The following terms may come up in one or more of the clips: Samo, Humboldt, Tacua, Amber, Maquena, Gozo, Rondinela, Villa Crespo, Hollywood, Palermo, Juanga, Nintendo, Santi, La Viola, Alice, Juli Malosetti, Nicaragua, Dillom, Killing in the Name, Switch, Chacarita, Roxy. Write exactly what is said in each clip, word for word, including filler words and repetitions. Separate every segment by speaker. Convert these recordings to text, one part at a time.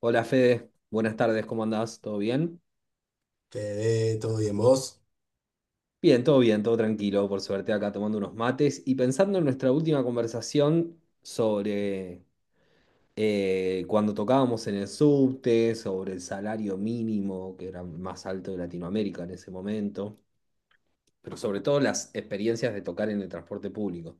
Speaker 1: Hola Fede, buenas tardes, ¿cómo andás? ¿Todo bien?
Speaker 2: Fede, ¿todo bien vos?
Speaker 1: Bien, todo bien, todo tranquilo, por suerte, acá tomando unos mates y pensando en nuestra última conversación sobre eh, cuando tocábamos en el subte, sobre el salario mínimo, que era más alto de Latinoamérica en ese momento, pero sobre todo las experiencias de tocar en el transporte público.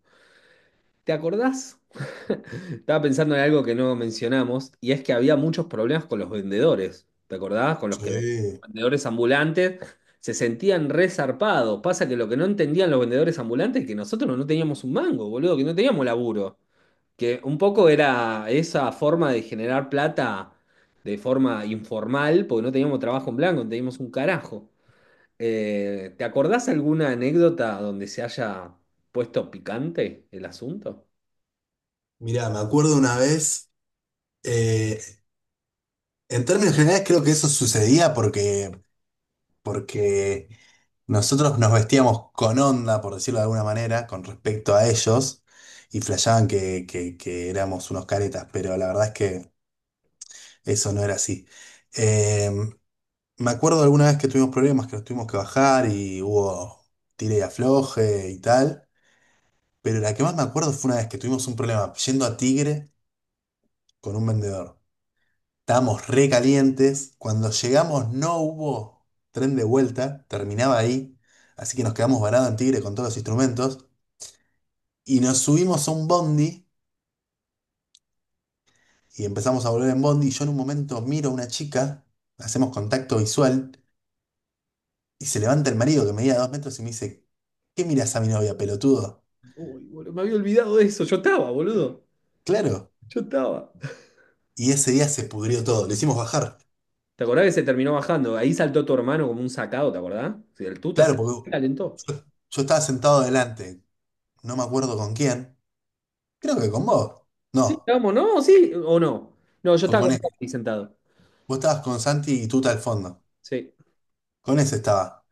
Speaker 1: ¿Te acordás? Estaba pensando en algo que no mencionamos, y es que había muchos problemas con los vendedores. ¿Te acordás? Con los que los
Speaker 2: Sí.
Speaker 1: vendedores ambulantes se sentían resarpados. Pasa que lo que no entendían los vendedores ambulantes es que nosotros no teníamos un mango, boludo, que no teníamos laburo. Que un poco era esa forma de generar plata de forma informal, porque no teníamos trabajo en blanco, no teníamos un carajo. Eh, ¿te acordás alguna anécdota donde se haya puesto picante el asunto?
Speaker 2: Mirá, me acuerdo una vez, eh, en términos generales creo que eso sucedía porque, porque nosotros nos vestíamos con onda, por decirlo de alguna manera, con respecto a ellos, y flasheaban que, que- que éramos unos caretas, pero la verdad es que eso no era así. Eh, Me acuerdo alguna vez que tuvimos problemas, que nos tuvimos que bajar y hubo tire y afloje y tal, pero la que más me acuerdo fue una vez que tuvimos un problema yendo a Tigre con un vendedor. Estábamos re calientes. Cuando llegamos no hubo tren de vuelta, terminaba ahí. Así que nos quedamos varados en Tigre con todos los instrumentos. Y nos subimos a un bondi y empezamos a volver en bondi. Y yo en un momento miro a una chica, hacemos contacto visual y se levanta el marido que medía dos metros y me dice, ¿qué miras a mi novia, pelotudo?
Speaker 1: Uy, boludo, me había olvidado de eso. Yo estaba, boludo.
Speaker 2: Claro.
Speaker 1: Yo estaba.
Speaker 2: Y ese día se pudrió todo. Lo hicimos bajar.
Speaker 1: ¿Te acordás que se terminó bajando? Ahí saltó tu hermano como un sacado, ¿te acordás? Sí, el tuta se
Speaker 2: Claro, porque
Speaker 1: calentó.
Speaker 2: yo, yo estaba sentado adelante. No me acuerdo con quién. Creo que con vos.
Speaker 1: Sí,
Speaker 2: No.
Speaker 1: vamos, ¿no? Sí, o no. No, yo
Speaker 2: O
Speaker 1: estaba
Speaker 2: con
Speaker 1: con
Speaker 2: ese.
Speaker 1: Tati sentado.
Speaker 2: Vos estabas con Santi y Tuta al fondo.
Speaker 1: Sí.
Speaker 2: Con ese estaba.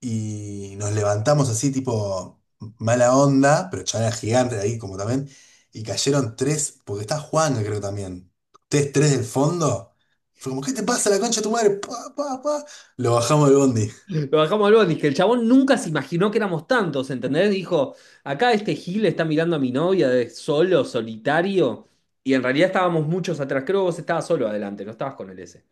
Speaker 2: Y nos levantamos así, tipo mala onda, pero ya era gigante ahí como también. Y cayeron tres, porque está Juan, creo también. Ustedes tres del fondo. Fue como, ¿qué te pasa la concha de tu madre? Pa, pa, pa. Lo bajamos del bondi.
Speaker 1: Lo bajamos al bondi, que el chabón nunca se imaginó que éramos tantos, ¿entendés? Dijo, acá este Gil está mirando a mi novia de solo, solitario, y en realidad estábamos muchos atrás. Creo que vos estabas solo adelante, no estabas con el S.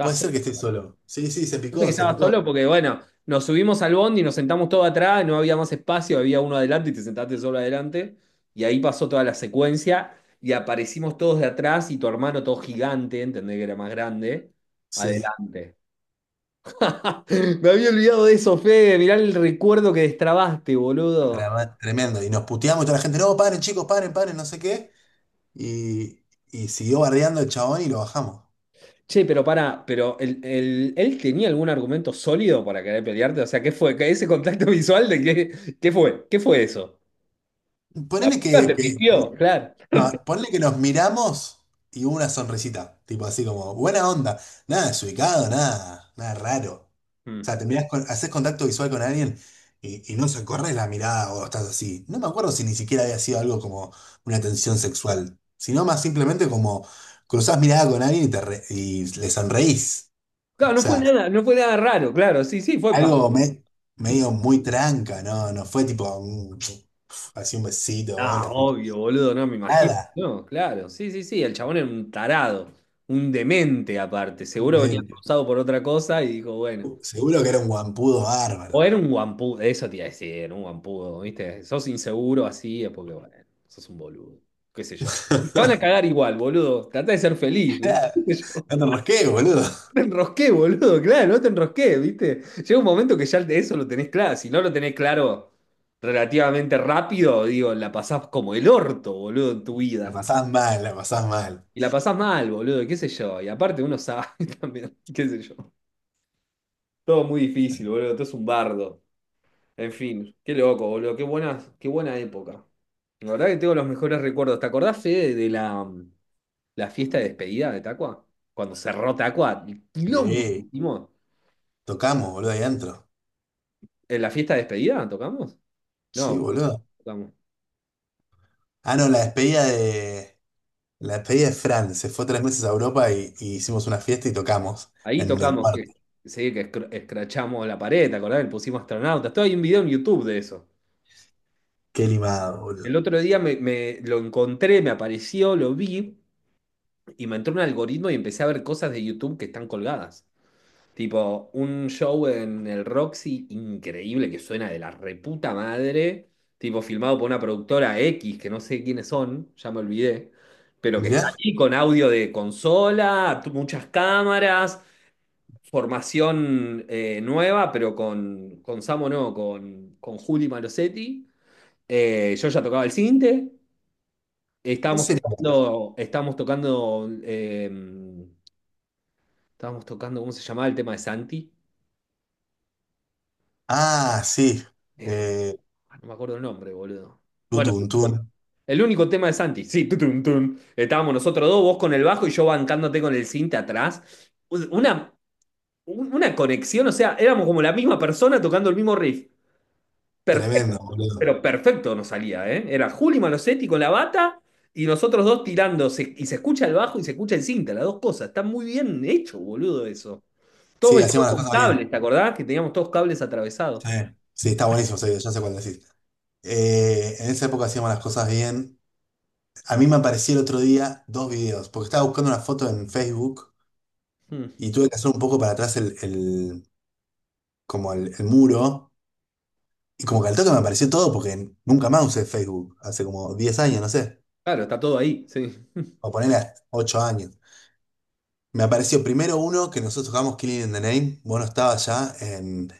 Speaker 2: Puede ser
Speaker 1: solo,
Speaker 2: que esté
Speaker 1: ¿no?
Speaker 2: solo. Sí, sí, se
Speaker 1: Parece que
Speaker 2: picó, se
Speaker 1: estaba solo
Speaker 2: picó.
Speaker 1: porque, bueno, nos subimos al bondi y nos sentamos todos atrás, no había más espacio, había uno adelante y te sentaste solo adelante. Y ahí pasó toda la secuencia y aparecimos todos de atrás y tu hermano todo gigante, entendés que era más grande,
Speaker 2: Sí.
Speaker 1: adelante. Me había olvidado de eso, Fede, mirá el recuerdo que destrabaste, boludo.
Speaker 2: Trema- Tremendo. Y nos puteamos y toda la gente, no, paren, chicos, paren, paren, no sé qué. Y, y siguió bardeando el chabón y lo bajamos.
Speaker 1: Che, pero pará, pero el, el- ¿él tenía algún argumento sólido para querer pelearte? O sea, ¿qué fue? ¿Qué- ¿Ese contacto visual de qué, qué fue? ¿Qué fue eso? ¿La
Speaker 2: Ponele
Speaker 1: piba
Speaker 2: que,
Speaker 1: te
Speaker 2: que- que
Speaker 1: pispió? Claro.
Speaker 2: no, ponle que nos miramos y hubo una sonrisita, tipo así como, buena onda, nada desubicado, nada, nada raro. O
Speaker 1: Mm.
Speaker 2: sea, te mirás con, haces contacto visual con alguien y, y no se corre la mirada o estás así. No me acuerdo si ni siquiera había sido algo como una tensión sexual, sino más simplemente como cruzás mirada con alguien y, te re- y le sonreís. O
Speaker 1: Claro, no fue
Speaker 2: sea,
Speaker 1: nada, no fue nada raro, claro, sí, sí, fue pastor.
Speaker 2: algo me-
Speaker 1: Mm.
Speaker 2: medio muy tranca, ¿no? No fue tipo, mm, así un besito,
Speaker 1: Ah,
Speaker 2: hola, puta.
Speaker 1: obvio, boludo, no me imagino.
Speaker 2: Nada.
Speaker 1: No, claro, sí, sí, sí, el chabón era un tarado, un demente aparte, seguro venía cruzado por otra cosa y dijo, bueno,
Speaker 2: Seguro que era un guampudo bárbaro.
Speaker 1: o era un guampudo, eso te iba a decir, un guampudo, ¿viste? Sos inseguro así, es porque, bueno, sos un boludo, qué sé yo. Y te van a cagar igual, boludo, trata de ser feliz,
Speaker 2: Claro,
Speaker 1: ¿viste?
Speaker 2: no te rosqué, boludo.
Speaker 1: Te enrosqué, boludo, claro, no te enrosqué, ¿viste? Llega un momento que ya de eso lo tenés claro. Si no lo tenés claro relativamente rápido, digo, la pasás como el orto, boludo, en tu
Speaker 2: La
Speaker 1: vida.
Speaker 2: pasás mal, la pasás mal.
Speaker 1: Y la pasás mal, boludo, qué sé yo. Y aparte uno sabe también, qué sé yo. Todo muy difícil, boludo, todo es un bardo. En fin, qué loco, boludo, qué buena, qué buena época. La verdad que tengo los mejores recuerdos. ¿Te acordás, Fede, de la, la fiesta de despedida de Tacua? Cuando cerró Tacua, el quilombo que
Speaker 2: Sí,
Speaker 1: hicimos.
Speaker 2: tocamos, boludo, ahí adentro.
Speaker 1: ¿En la fiesta de despedida tocamos?
Speaker 2: Sí,
Speaker 1: No,
Speaker 2: boludo.
Speaker 1: tocamos.
Speaker 2: Ah, no, la despedida de. La despedida de Fran. Se fue tres meses a Europa y, y hicimos una fiesta y tocamos
Speaker 1: Ahí
Speaker 2: en el
Speaker 1: tocamos
Speaker 2: cuarto.
Speaker 1: que, sí, que escr- escrachamos la pared, ¿te acordás? Le pusimos astronautas. Todo hay un video en YouTube de eso.
Speaker 2: Qué limado, boludo.
Speaker 1: El otro día me, me lo encontré, me apareció, lo vi y me entró un algoritmo y empecé a ver cosas de YouTube que están colgadas. Tipo, un show en el Roxy increíble que suena de la reputa madre, tipo filmado por una productora X, que no sé quiénes son, ya me olvidé, pero que está
Speaker 2: Mirá,
Speaker 1: ahí con audio de consola, tu- muchas cámaras. Formación eh, nueva, pero con, con Samo no, con, con Juli Malosetti. Eh, yo ya tocaba el cinte.
Speaker 2: ¿qué
Speaker 1: Estábamos
Speaker 2: sería?
Speaker 1: tocando, estábamos tocando, eh, estábamos tocando, ¿cómo se llamaba el tema de Santi?
Speaker 2: Ah, sí.
Speaker 1: Eh,
Speaker 2: Eh,
Speaker 1: no me acuerdo el nombre, boludo. Bueno,
Speaker 2: tutum, tum.
Speaker 1: el único tema de Santi, sí, tutun, tun. Estábamos nosotros dos, vos con el bajo y yo bancándote con el cinte atrás. Una, un- una conexión, o sea, éramos como la misma persona tocando el mismo riff.
Speaker 2: Tremendo, boludo.
Speaker 1: Pero perfecto nos salía, ¿eh? Era Juli Malosetti con la bata y nosotros dos tirando. se- y se escucha el bajo y se escucha el cinta, las dos cosas. Está muy bien hecho, boludo, eso. Todos
Speaker 2: Sí,
Speaker 1: vestidos
Speaker 2: hacíamos las
Speaker 1: con
Speaker 2: cosas
Speaker 1: cables,
Speaker 2: bien.
Speaker 1: ¿te acordás? Que teníamos todos cables atravesados.
Speaker 2: Sí, sí, está buenísimo, sí, ya sé cuál decís. Eh, en esa época hacíamos las cosas bien. A mí me apareció el otro día dos videos, porque estaba buscando una foto en Facebook
Speaker 1: Hmm.
Speaker 2: y tuve que hacer un poco para atrás el, el- como el, el muro. Y como que al toque me apareció todo porque nunca más usé Facebook, hace como diez años, no sé,
Speaker 1: Claro, está todo ahí, sí.
Speaker 2: o ponerle ocho años. Me apareció primero uno que nosotros jugamos Killing in the Name, bueno estaba estabas ya en,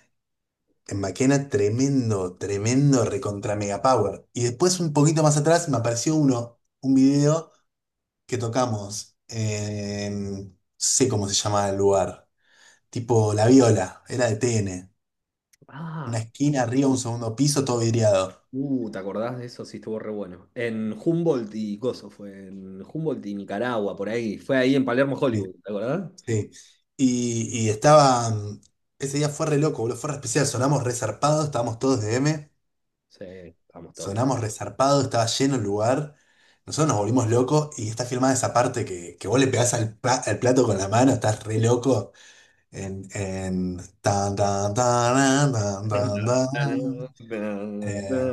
Speaker 2: en Maquena, tremendo, tremendo, recontra mega power. Y después un poquito más atrás me apareció uno, un video que tocamos, en- no sé cómo se llama el lugar, tipo La Viola, era de T N. Una
Speaker 1: Ah,
Speaker 2: esquina arriba, un segundo piso, todo vidriado.
Speaker 1: uh, ¿te acordás de eso? Sí, estuvo re bueno. En Humboldt y Gozo fue. En Humboldt y Nicaragua, por ahí. Fue ahí en Palermo, Hollywood,
Speaker 2: Eh,
Speaker 1: ¿te acordás?
Speaker 2: sí. Y, y estaba, mm, ese día fue re loco, boludo, fue re especial. Sonamos resarpados, estábamos todos de M.
Speaker 1: Sí, estábamos todos.
Speaker 2: Sonamos resarpados, estaba lleno el lugar. Nosotros nos volvimos locos y está filmada esa parte que, que vos le pegás al, pla- al plato con la mano, estás re loco. En, en tan, tan, tan, tan, tan, tan. Eh,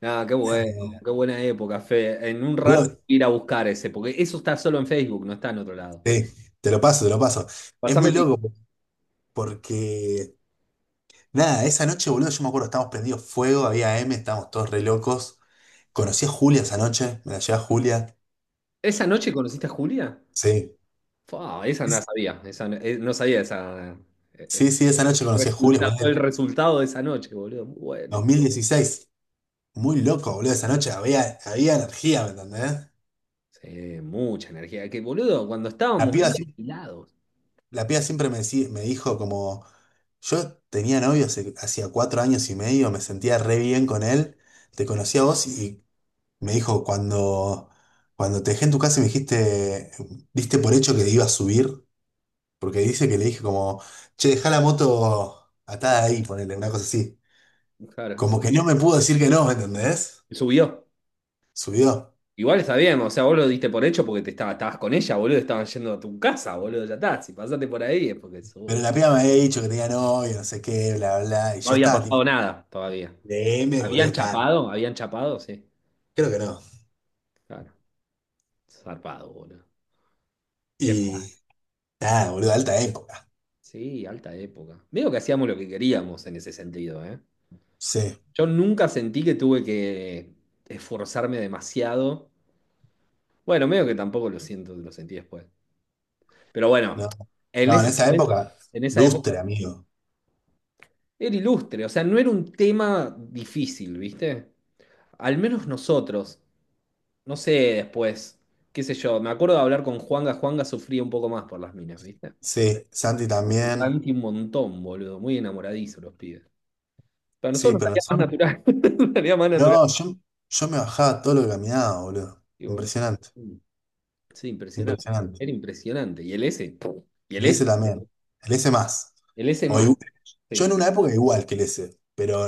Speaker 1: Ah, qué bueno,
Speaker 2: eh,
Speaker 1: qué buena época, Fe. En un rato
Speaker 2: boludo,
Speaker 1: voy a ir a buscar ese, porque eso está solo en Facebook, no está en otro lado.
Speaker 2: sí, te lo paso, te lo paso. Es
Speaker 1: Pásame
Speaker 2: muy
Speaker 1: el link.
Speaker 2: loco. Porque, nada, esa noche, boludo, yo me acuerdo, estábamos prendidos fuego, había M, estábamos todos re locos. Conocí a Julia esa noche, me la llevé a Julia.
Speaker 1: ¿Esa noche conociste a Julia?
Speaker 2: Sí.
Speaker 1: Fua, esa no la
Speaker 2: Es-
Speaker 1: sabía, esa no, eh, no sabía esa, eh, eh,
Speaker 2: sí, sí, esa noche conocí a Julia,
Speaker 1: resulta- el
Speaker 2: boludo,
Speaker 1: resultado de esa noche, boludo. Muy bueno.
Speaker 2: dos mil dieciséis. Muy loco, boludo, esa noche había, había energía, ¿me entendés?
Speaker 1: Sí, mucha energía. Que, boludo, cuando
Speaker 2: La
Speaker 1: estábamos
Speaker 2: piba,
Speaker 1: muy
Speaker 2: sí-
Speaker 1: agilados,
Speaker 2: la piba siempre me, decí- me dijo como, yo tenía novio hace- hacía cuatro años y medio, me sentía re bien con él, te conocí a vos y me dijo, cuando, cuando te dejé en tu casa y me dijiste, diste por hecho que iba a subir, porque dice que le dije como, che, dejá la moto atada ahí, ponele, una cosa así.
Speaker 1: claro,
Speaker 2: Como que
Speaker 1: sí,
Speaker 2: no me pudo decir que no, ¿me entendés?
Speaker 1: subió.
Speaker 2: Subió.
Speaker 1: Igual está bien, o sea, vos lo diste por hecho porque te estaba, estabas con ella, boludo, estaban yendo a tu casa, boludo, ya está. Si pasaste por ahí es porque
Speaker 2: Pero
Speaker 1: sube.
Speaker 2: la piba me había dicho que tenía novio, no sé qué, bla, bla, bla. Y
Speaker 1: No
Speaker 2: yo
Speaker 1: había
Speaker 2: estaba tipo,
Speaker 1: pasado nada todavía.
Speaker 2: D M, boludo,
Speaker 1: ¿Habían
Speaker 2: estaba,
Speaker 1: chapado? ¿Habían chapado? Sí,
Speaker 2: creo que no.
Speaker 1: claro. Zarpado, boludo. Qué fla-
Speaker 2: Y nada, boludo, alta época.
Speaker 1: Sí, alta época. Veo que hacíamos lo que queríamos en ese sentido, ¿eh?
Speaker 2: Sí,
Speaker 1: Yo nunca sentí que tuve que esforzarme demasiado. Bueno, medio que tampoco lo siento, lo sentí después. Pero bueno,
Speaker 2: no.
Speaker 1: en
Speaker 2: No, en
Speaker 1: ese
Speaker 2: esa
Speaker 1: momento,
Speaker 2: época,
Speaker 1: en esa época,
Speaker 2: lustre, amigo.
Speaker 1: era ilustre, o sea, no era un tema difícil, ¿viste? Al menos nosotros. No sé después. Qué sé yo. Me acuerdo de hablar con Juanga. Juanga sufría un poco más por las minas, ¿viste?
Speaker 2: Sí, Santi
Speaker 1: Y
Speaker 2: también.
Speaker 1: Santi un montón, boludo. Muy enamoradizo los pibes. Para
Speaker 2: Sí,
Speaker 1: nosotros nos
Speaker 2: pero
Speaker 1: salía más
Speaker 2: nosotros
Speaker 1: natural. Nos salía más natural.
Speaker 2: no, yo, yo me bajaba todo lo que caminaba, boludo.
Speaker 1: Y bueno,
Speaker 2: Impresionante,
Speaker 1: mm, sí, impresionante.
Speaker 2: impresionante.
Speaker 1: Era impresionante. Y el S, pum, y el
Speaker 2: El
Speaker 1: S,
Speaker 2: S también. El S más.
Speaker 1: el S
Speaker 2: O
Speaker 1: más.
Speaker 2: igu- yo
Speaker 1: Sí.
Speaker 2: en una época igual que el S, pero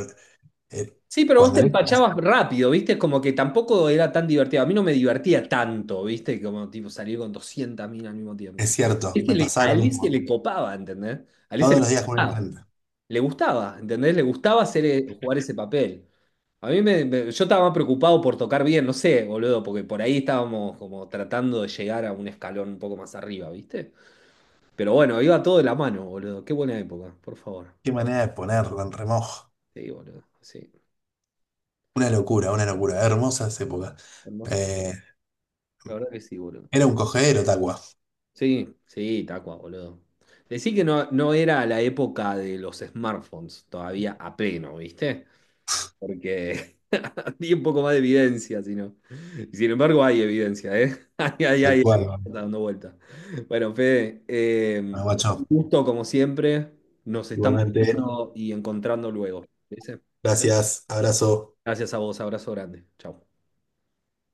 Speaker 2: eh,
Speaker 1: Sí, pero vos
Speaker 2: cuando
Speaker 1: te
Speaker 2: el S
Speaker 1: empachabas rápido, ¿viste? Es como que tampoco era tan divertido. A mí no me divertía tanto, ¿viste? Como tipo salir con doscientas minas al mismo
Speaker 2: es
Speaker 1: tiempo. Es
Speaker 2: cierto,
Speaker 1: que
Speaker 2: me
Speaker 1: le- a
Speaker 2: pasaba lo
Speaker 1: Alice se
Speaker 2: mismo.
Speaker 1: le copaba, ¿entendés? A Alice se
Speaker 2: Todos
Speaker 1: le
Speaker 2: los días con una
Speaker 1: gustaba.
Speaker 2: diferente.
Speaker 1: Le gustaba, ¿entendés? Le gustaba hacer, eh, jugar ese papel. A mí me, me- yo estaba más preocupado por tocar bien, no sé, boludo, porque por ahí estábamos como tratando de llegar a un escalón un poco más arriba, ¿viste? Pero bueno, iba todo de la mano, boludo. Qué buena época, por favor.
Speaker 2: Qué manera de ponerlo en remojo.
Speaker 1: Sí, boludo. Sí,
Speaker 2: Una locura, una locura. Hermosas épocas.
Speaker 1: hermosas.
Speaker 2: Eh,
Speaker 1: La verdad que sí, boludo.
Speaker 2: era un cogedero, Tacua.
Speaker 1: Sí, sí, Tacua, boludo. Decí que no, no era la época de los smartphones todavía a pleno, ¿viste? Porque había un poco más de evidencia, si no. Y sin embargo, hay evidencia, ¿eh? Hay, hay,
Speaker 2: Tal
Speaker 1: hay, está
Speaker 2: cual,
Speaker 1: dando vuelta. Bueno, Fede, eh, un
Speaker 2: guacho.
Speaker 1: gusto como siempre. Nos estamos
Speaker 2: Igualmente,
Speaker 1: viendo y encontrando luego, ¿te parece?
Speaker 2: gracias, abrazo.
Speaker 1: Gracias a vos, abrazo grande. Chau.